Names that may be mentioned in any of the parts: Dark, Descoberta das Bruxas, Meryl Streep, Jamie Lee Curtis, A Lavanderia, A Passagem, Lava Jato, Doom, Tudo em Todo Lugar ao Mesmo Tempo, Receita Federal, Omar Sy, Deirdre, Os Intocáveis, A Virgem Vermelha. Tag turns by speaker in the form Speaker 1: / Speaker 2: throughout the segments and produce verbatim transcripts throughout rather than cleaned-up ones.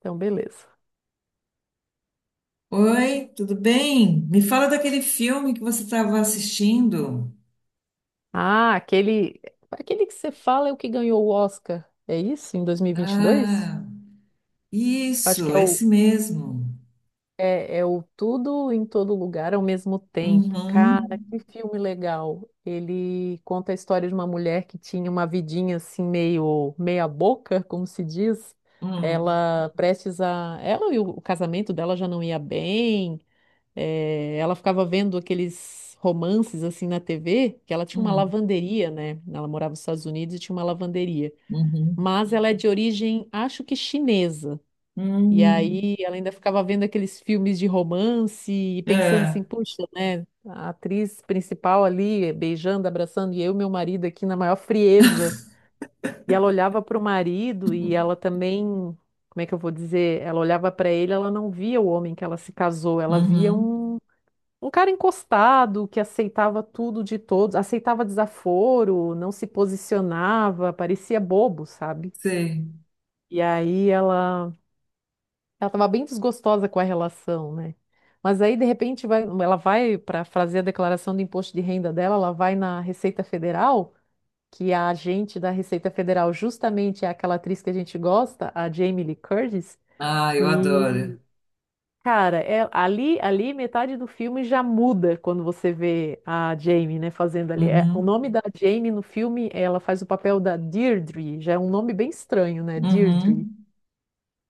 Speaker 1: Então, beleza.
Speaker 2: Oi, tudo bem? Me fala daquele filme que você estava assistindo.
Speaker 1: Ah, aquele, aquele que você fala é o que ganhou o Oscar, é isso? Em dois mil e vinte e dois?
Speaker 2: Ah,
Speaker 1: Acho que
Speaker 2: isso,
Speaker 1: é o,
Speaker 2: esse mesmo.
Speaker 1: é, é o Tudo em Todo Lugar ao Mesmo Tempo.
Speaker 2: Uhum,
Speaker 1: Cara, que filme legal. Ele conta a história de uma mulher que tinha uma vidinha assim, meio meia boca, como se diz.
Speaker 2: hum,
Speaker 1: Ela prestes a. Ela e o o casamento dela já não ia bem. Eh, ela ficava vendo aqueles romances assim na tê vê, que ela tinha uma
Speaker 2: hum,
Speaker 1: lavanderia, né? Ela morava nos Estados Unidos e tinha uma lavanderia.
Speaker 2: uhum,
Speaker 1: Mas ela é de origem, acho que chinesa. E
Speaker 2: hum.
Speaker 1: aí ela ainda ficava vendo aqueles filmes de romance e pensando
Speaker 2: É,
Speaker 1: assim, puxa, né? A atriz principal ali beijando, abraçando, e eu e meu marido aqui na maior frieza. E ela olhava para o marido e ela também, como é que eu vou dizer? Ela olhava para ele, ela não via o homem que ela se casou, ela via
Speaker 2: uhum,
Speaker 1: um um cara encostado que aceitava tudo de todos, aceitava desaforo, não se posicionava, parecia bobo, sabe?
Speaker 2: sei.
Speaker 1: E aí ela, ela tava bem desgostosa com a relação, né? Mas aí de repente vai, ela vai para fazer a declaração do imposto de renda dela, ela vai na Receita Federal, que a agente da Receita Federal justamente é aquela atriz que a gente gosta, a Jamie Lee Curtis.
Speaker 2: Ah, eu adoro.
Speaker 1: Cara, é- ali, ali metade do filme já muda quando você vê a Jamie, né, fazendo ali. É, o
Speaker 2: Uhum,
Speaker 1: nome da Jamie no filme, ela faz o papel da Deirdre, já é um nome bem estranho, né, Deirdre.
Speaker 2: uhum,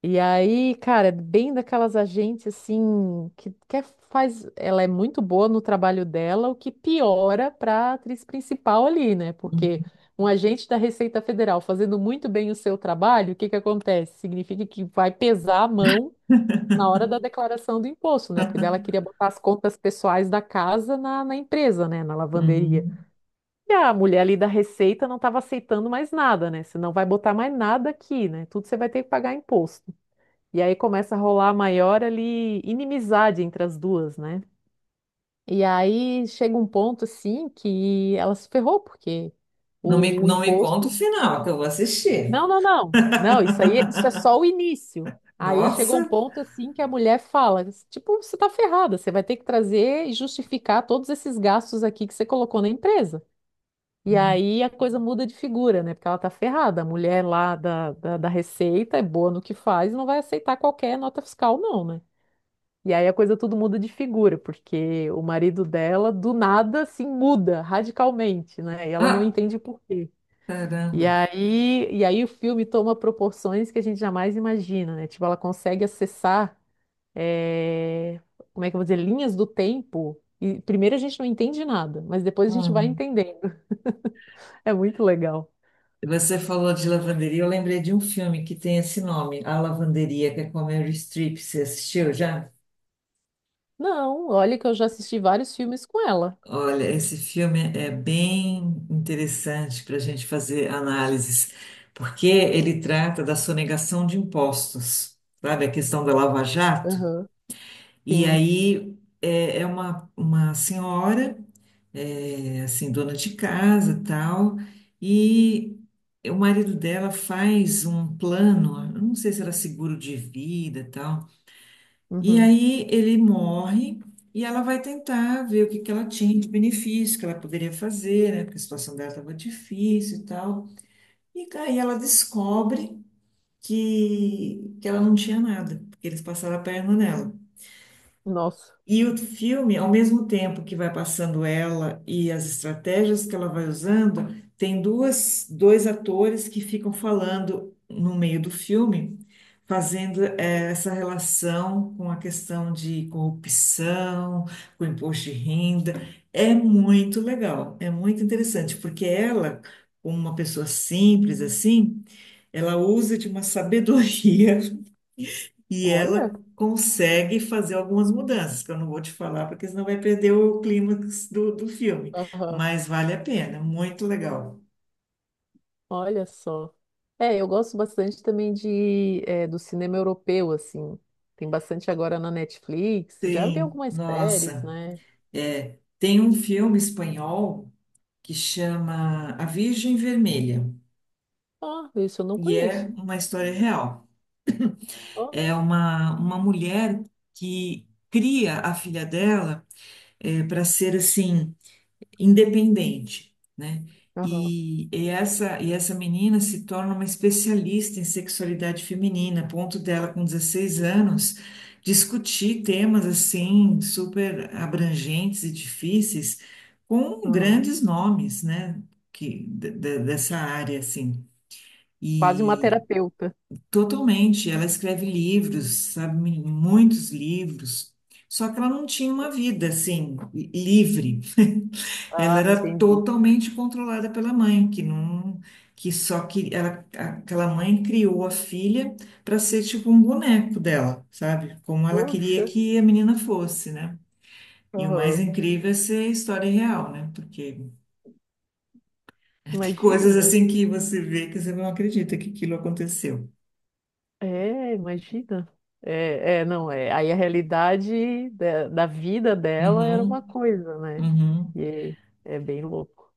Speaker 1: E aí, cara, é bem daquelas agentes assim que, que é- faz, ela é muito boa no trabalho dela, o que piora para a atriz principal ali, né?
Speaker 2: uhum,
Speaker 1: Porque um agente da Receita Federal fazendo muito bem o seu trabalho, o que que acontece? Significa que vai pesar a mão na hora da declaração do imposto, né? Porque daí ela queria botar as contas pessoais da casa na, na empresa, né? Na lavanderia.
Speaker 2: uhum.
Speaker 1: E a mulher ali da Receita não estava aceitando mais nada, né? Você não vai botar mais nada aqui, né? Tudo você vai ter que pagar imposto. E aí começa a rolar a maior ali inimizade entre as duas, né? E aí chega um ponto assim que ela se ferrou, porque
Speaker 2: Não me,
Speaker 1: o
Speaker 2: não me conta o
Speaker 1: imposto.
Speaker 2: final, que eu vou assistir.
Speaker 1: Não, não, não. Não, isso aí, isso é só o início. Aí chegou um
Speaker 2: Nossa.
Speaker 1: ponto assim que a mulher fala, tipo, você tá ferrada, você vai ter que trazer e justificar todos esses gastos aqui que você colocou na empresa. E
Speaker 2: Uhum.
Speaker 1: aí a coisa muda de figura, né? Porque ela tá ferrada. A mulher lá da, da, da Receita é boa no que faz, e não vai aceitar qualquer nota fiscal, não, né? E aí a coisa tudo muda de figura, porque o marido dela, do nada, assim, muda radicalmente, né? E ela não
Speaker 2: Ah,
Speaker 1: entende por quê. E
Speaker 2: caramba.
Speaker 1: aí, e aí o filme toma proporções que a gente jamais imagina, né? Tipo, ela consegue acessar, eh, como é que eu vou dizer, linhas do tempo. E primeiro a gente não entende nada, mas depois a gente vai
Speaker 2: Hum.
Speaker 1: entendendo. É muito legal.
Speaker 2: Você falou de lavanderia, eu lembrei de um filme que tem esse nome, A Lavanderia, que é com a Meryl Streep. Você assistiu já?
Speaker 1: Não, olha que eu já assisti vários filmes com ela.
Speaker 2: Olha, esse filme é bem interessante para a gente fazer análises, porque ele trata da sonegação de impostos, sabe? A questão da Lava Jato.
Speaker 1: Aham.
Speaker 2: E
Speaker 1: Sim.
Speaker 2: aí é, é uma, uma senhora. É, assim, dona de casa, tal, e o marido dela faz um plano, eu não sei se era seguro de vida, tal, e
Speaker 1: Uhum.
Speaker 2: aí ele morre e ela vai tentar ver o que que ela tinha de benefício que ela poderia fazer, né, porque a situação dela estava difícil e tal, e aí ela descobre que, que ela não tinha nada, porque eles passaram a perna nela.
Speaker 1: Nossa.
Speaker 2: E o filme, ao mesmo tempo que vai passando ela e as estratégias que ela vai usando, tem duas, dois atores que ficam falando no meio do filme, fazendo eh, essa relação com a questão de corrupção, com imposto de renda. É muito legal, é muito interessante, porque ela, como uma pessoa simples assim, ela usa de uma sabedoria e
Speaker 1: Olha.
Speaker 2: ela consegue fazer algumas mudanças, que eu não vou te falar, porque senão vai perder o clímax do, do filme.
Speaker 1: Aham.
Speaker 2: Mas vale a pena, muito legal.
Speaker 1: Olha só. É, eu gosto bastante também de, eh, do cinema europeu, assim. Tem bastante agora na Netflix. Já vi
Speaker 2: Tem,
Speaker 1: algumas séries,
Speaker 2: nossa,
Speaker 1: né?
Speaker 2: é, tem um filme espanhol que chama A Virgem Vermelha,
Speaker 1: Ah, isso eu não
Speaker 2: e é
Speaker 1: conheço.
Speaker 2: uma história real.
Speaker 1: Ó,
Speaker 2: É uma, uma mulher que cria a filha dela para ser assim independente, né?
Speaker 1: aham,
Speaker 2: E, e essa, e essa menina se torna uma especialista em sexualidade feminina, a ponto dela, com dezesseis anos, discutir temas assim super abrangentes e difíceis com
Speaker 1: aham.
Speaker 2: grandes nomes, né? Que, de- de- dessa área, assim.
Speaker 1: Quase uma
Speaker 2: E
Speaker 1: terapeuta.
Speaker 2: totalmente, ela escreve livros, sabe, muitos livros, só que ela não tinha uma vida assim livre. Ela
Speaker 1: Ah,
Speaker 2: era
Speaker 1: entendi.
Speaker 2: totalmente controlada pela mãe, que não, que só que ela, aquela mãe criou a filha para ser tipo um boneco dela, sabe? Como ela queria
Speaker 1: Poxa,
Speaker 2: que a menina fosse, né? E o mais
Speaker 1: aham.
Speaker 2: incrível é ser história real, né? Porque tem
Speaker 1: Imagina,
Speaker 2: coisas
Speaker 1: né?
Speaker 2: assim que você vê que você não acredita que aquilo aconteceu.
Speaker 1: É, imagina. É, é, não, é. Aí a realidade da, da vida dela era uma
Speaker 2: Uhum,
Speaker 1: coisa, né?
Speaker 2: uhum.
Speaker 1: E é, é bem louco.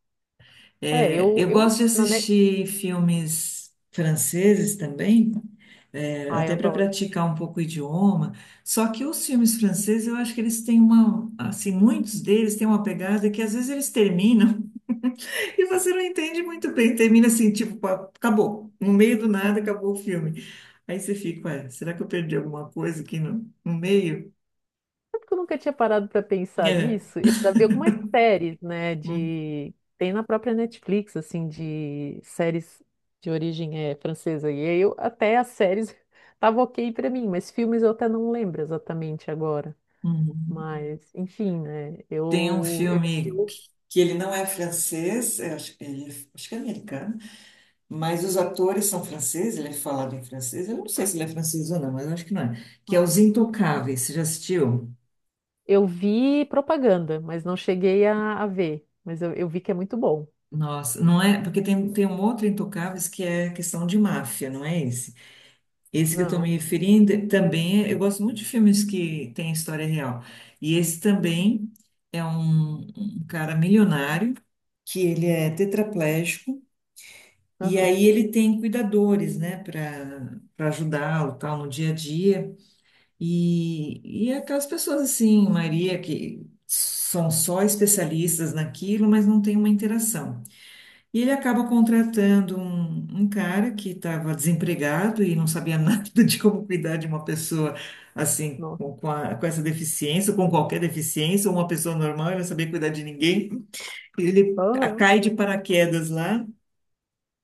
Speaker 1: É,
Speaker 2: É,
Speaker 1: eu,
Speaker 2: eu
Speaker 1: eu,
Speaker 2: gosto de
Speaker 1: na, ne...
Speaker 2: assistir filmes franceses também, é,
Speaker 1: Ai,
Speaker 2: até
Speaker 1: eu
Speaker 2: para
Speaker 1: adoro.
Speaker 2: praticar um pouco o idioma. Só que os filmes franceses, eu acho que eles têm uma, assim, muitos deles têm uma pegada que às vezes eles terminam e você não entende muito bem. Termina assim, tipo, pá, acabou. No meio do nada, acabou o filme. Aí você fica, ué, será que eu perdi alguma coisa aqui no, no meio?
Speaker 1: Sabe que eu nunca tinha parado para pensar
Speaker 2: É.
Speaker 1: nisso? Eu já vi algumas séries, né,
Speaker 2: Hum,
Speaker 1: de... Tem na própria Netflix, assim, de séries de origem é, francesa. E aí eu, até as séries tava ok para mim, mas filmes eu até não lembro exatamente agora.
Speaker 2: uhum.
Speaker 1: Mas, enfim, né,
Speaker 2: Tem um
Speaker 1: eu, eu,
Speaker 2: filme
Speaker 1: eu
Speaker 2: que que ele não é francês, eu acho, ele, é- acho que é americano, mas os atores são franceses, ele é falado em francês, eu não sei se ele é francês ou não, mas eu acho que não é, que é Os Intocáveis, você já assistiu?
Speaker 1: eu vi propaganda, mas não cheguei a, a ver. Mas eu, eu vi que é muito bom.
Speaker 2: Nossa, não é, porque tem, tem um outro Intocáveis que é questão de máfia, não é esse? Esse que eu estou me
Speaker 1: Não.
Speaker 2: referindo também, é- eu gosto muito de filmes que têm história real, e esse também é um um cara milionário, que ele é tetraplégico. E
Speaker 1: Aham.
Speaker 2: aí ele tem cuidadores, né, para para ajudá-lo, tal, no dia a dia. E, e aquelas pessoas assim, Maria, que são só especialistas naquilo, mas não tem uma interação. E ele acaba contratando um, um cara que estava desempregado e não sabia nada de como cuidar de uma pessoa assim,
Speaker 1: Nossa.
Speaker 2: com, com, a- com essa deficiência, ou com qualquer deficiência, ou uma pessoa normal, ele não sabia cuidar de ninguém. Ele a-
Speaker 1: Aham.
Speaker 2: cai de paraquedas lá.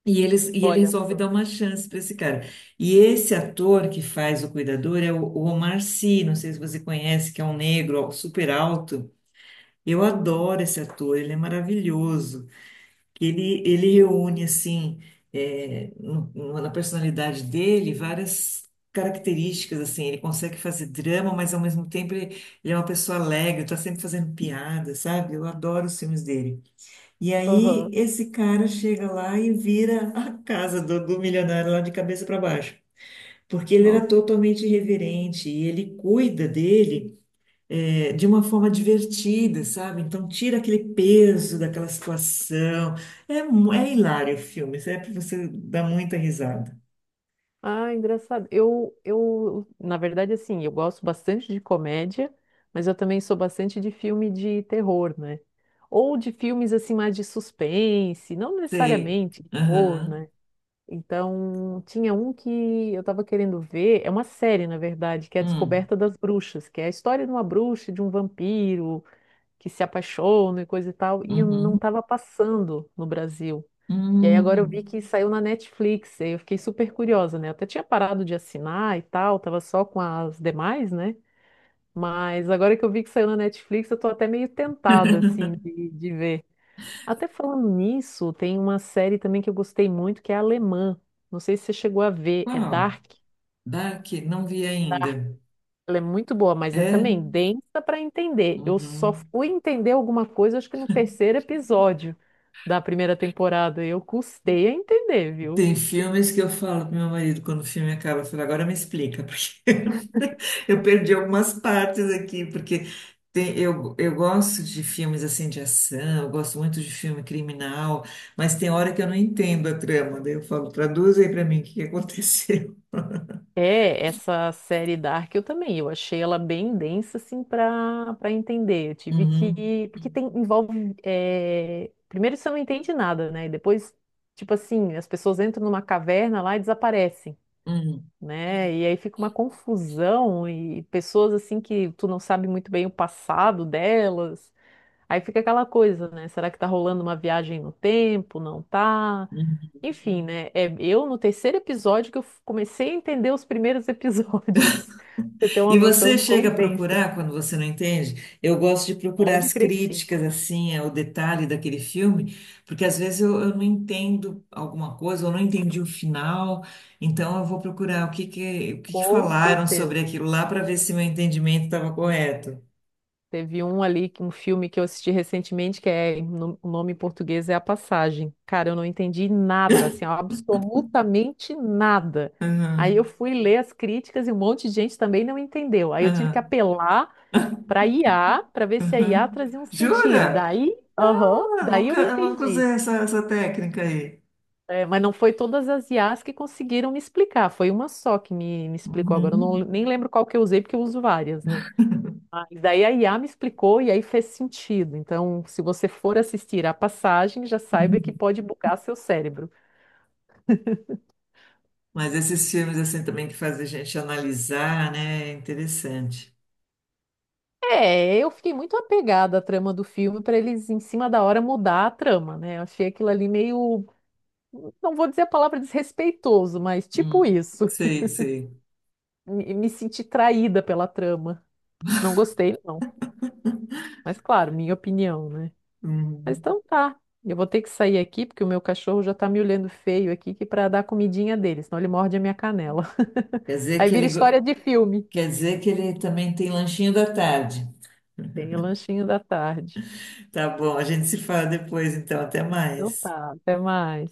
Speaker 2: E, eles, e ele
Speaker 1: Olha
Speaker 2: resolve
Speaker 1: só.
Speaker 2: dar uma chance para esse cara. E esse ator que faz o cuidador é o, o Omar Sy, não sei se você conhece, que é um negro ó, super alto. Eu adoro esse ator, ele é maravilhoso. Ele, ele reúne, assim, é, no- no- na personalidade dele várias características, assim. Ele consegue fazer drama, mas ao mesmo tempo ele, ele é uma pessoa alegre, está sempre fazendo piada, sabe? Eu adoro os filmes dele. E aí
Speaker 1: Aham.
Speaker 2: esse cara chega lá e vira a casa do, do milionário lá de cabeça para baixo, porque ele era
Speaker 1: Nossa.
Speaker 2: totalmente irreverente e ele cuida dele é, de uma forma divertida, sabe? Então tira aquele peso daquela situação. É, mu- é hilário o filme, isso é para você dar muita risada.
Speaker 1: Ah, engraçado. Eu, eu, na verdade, assim, eu gosto bastante de comédia, mas eu também sou bastante de filme de terror, né? Ou de filmes, assim, mais de suspense, não
Speaker 2: Sei.
Speaker 1: necessariamente de terror,
Speaker 2: Aham.
Speaker 1: né? Então, tinha um que eu tava querendo ver, é uma série, na verdade, que é a
Speaker 2: Hum.
Speaker 1: Descoberta das Bruxas, que é a história de uma bruxa e de um vampiro que se apaixona e coisa e tal, e eu não
Speaker 2: Uhum.
Speaker 1: tava passando no Brasil. E aí agora eu vi
Speaker 2: Hum.
Speaker 1: que saiu na Netflix, e aí eu fiquei super curiosa, né? Eu até tinha parado de assinar e tal, tava só com as demais, né? Mas agora que eu vi que saiu na Netflix, eu tô até meio tentada, assim, de, de ver. Até falando nisso, tem uma série também que eu gostei muito, que é alemã. Não sei se você chegou a ver, é
Speaker 2: Qual?
Speaker 1: Dark.
Speaker 2: Dark? Não vi
Speaker 1: Dark,
Speaker 2: ainda.
Speaker 1: ela é muito boa, mas é
Speaker 2: É?
Speaker 1: também densa para entender. Eu só
Speaker 2: Uhum.
Speaker 1: fui entender alguma coisa, acho que no terceiro episódio da primeira temporada. Eu custei a entender, viu?
Speaker 2: Tem filmes que eu falo pro meu marido quando o filme acaba, eu falo, agora me explica, porque eu perdi algumas partes aqui, porque tem- eu, eu gosto de filmes assim de ação, eu gosto muito de filme criminal, mas tem hora que eu não entendo a trama, daí eu falo, traduz aí pra mim o que que aconteceu.
Speaker 1: É, essa série Dark eu também, eu achei ela bem densa, assim, para para entender. Eu tive
Speaker 2: Uhum,
Speaker 1: que. Porque tem, envolve. é, Primeiro você não entende nada, né? E depois, tipo assim, as pessoas entram numa caverna lá e desaparecem,
Speaker 2: uhum,
Speaker 1: né? E aí fica uma confusão e pessoas, assim, que tu não sabe muito bem o passado delas. Aí fica aquela coisa, né? Será que tá rolando uma viagem no tempo? Não tá?
Speaker 2: uhum.
Speaker 1: Enfim, né? É, eu no terceiro episódio que eu f- comecei a entender os primeiros episódios. Você tem uma
Speaker 2: E
Speaker 1: noção
Speaker 2: você
Speaker 1: do
Speaker 2: chega
Speaker 1: quão
Speaker 2: a
Speaker 1: denso.
Speaker 2: procurar quando você não entende? Eu gosto de procurar
Speaker 1: Pode
Speaker 2: as
Speaker 1: crer que sim.
Speaker 2: críticas, assim, ao detalhe daquele filme, porque às vezes eu, eu não entendo alguma coisa, eu não entendi o final, então eu vou procurar o que que, o que que
Speaker 1: Com
Speaker 2: falaram sobre
Speaker 1: certeza.
Speaker 2: aquilo lá para ver se meu entendimento estava correto.
Speaker 1: Teve um ali, que- um filme que eu assisti recentemente, que é, no- o nome em português é A Passagem. Cara, eu não entendi nada, assim, absolutamente nada. Aí eu
Speaker 2: Aham,
Speaker 1: fui ler as críticas e um monte de gente também não entendeu. Aí eu tive que
Speaker 2: aham,
Speaker 1: apelar para i a, para ver se a i a
Speaker 2: aham.
Speaker 1: trazia um sentido.
Speaker 2: Jura?
Speaker 1: Daí, aham,
Speaker 2: Ah,
Speaker 1: daí
Speaker 2: nunca,
Speaker 1: eu
Speaker 2: eu nunca
Speaker 1: entendi.
Speaker 2: usei essa, essa técnica aí.
Speaker 1: É, mas não foi todas as i as que conseguiram me explicar, foi uma só que me, me explicou agora. Eu não,
Speaker 2: Uhum.
Speaker 1: nem lembro qual que eu usei, porque eu uso várias, né? Mas daí a i a me explicou e aí fez sentido. Então, se você for assistir a passagem, já saiba que pode bugar seu cérebro.
Speaker 2: Mas esses filmes, assim, também que fazem a gente analisar, né? É interessante.
Speaker 1: É, eu fiquei muito apegada à trama do filme para eles, em cima da hora, mudar a trama, né? Eu achei aquilo ali meio. Não vou dizer a palavra desrespeitoso, mas tipo
Speaker 2: Hum,
Speaker 1: isso.
Speaker 2: sei, sei.
Speaker 1: Me, me senti traída pela trama. Não gostei, não. Mas, claro, minha opinião, né? Mas
Speaker 2: Uhum.
Speaker 1: então tá. Eu vou ter que sair aqui porque o meu cachorro já tá me olhando feio aqui que para dar comidinha dele, senão ele morde a minha canela.
Speaker 2: Quer dizer
Speaker 1: Aí
Speaker 2: que
Speaker 1: vira
Speaker 2: ele,
Speaker 1: história
Speaker 2: go-
Speaker 1: de filme.
Speaker 2: quer dizer que ele também tem lanchinho da tarde.
Speaker 1: Tem o lanchinho da tarde.
Speaker 2: Tá bom, a gente se fala depois, então, até
Speaker 1: Então
Speaker 2: mais.
Speaker 1: tá, até mais.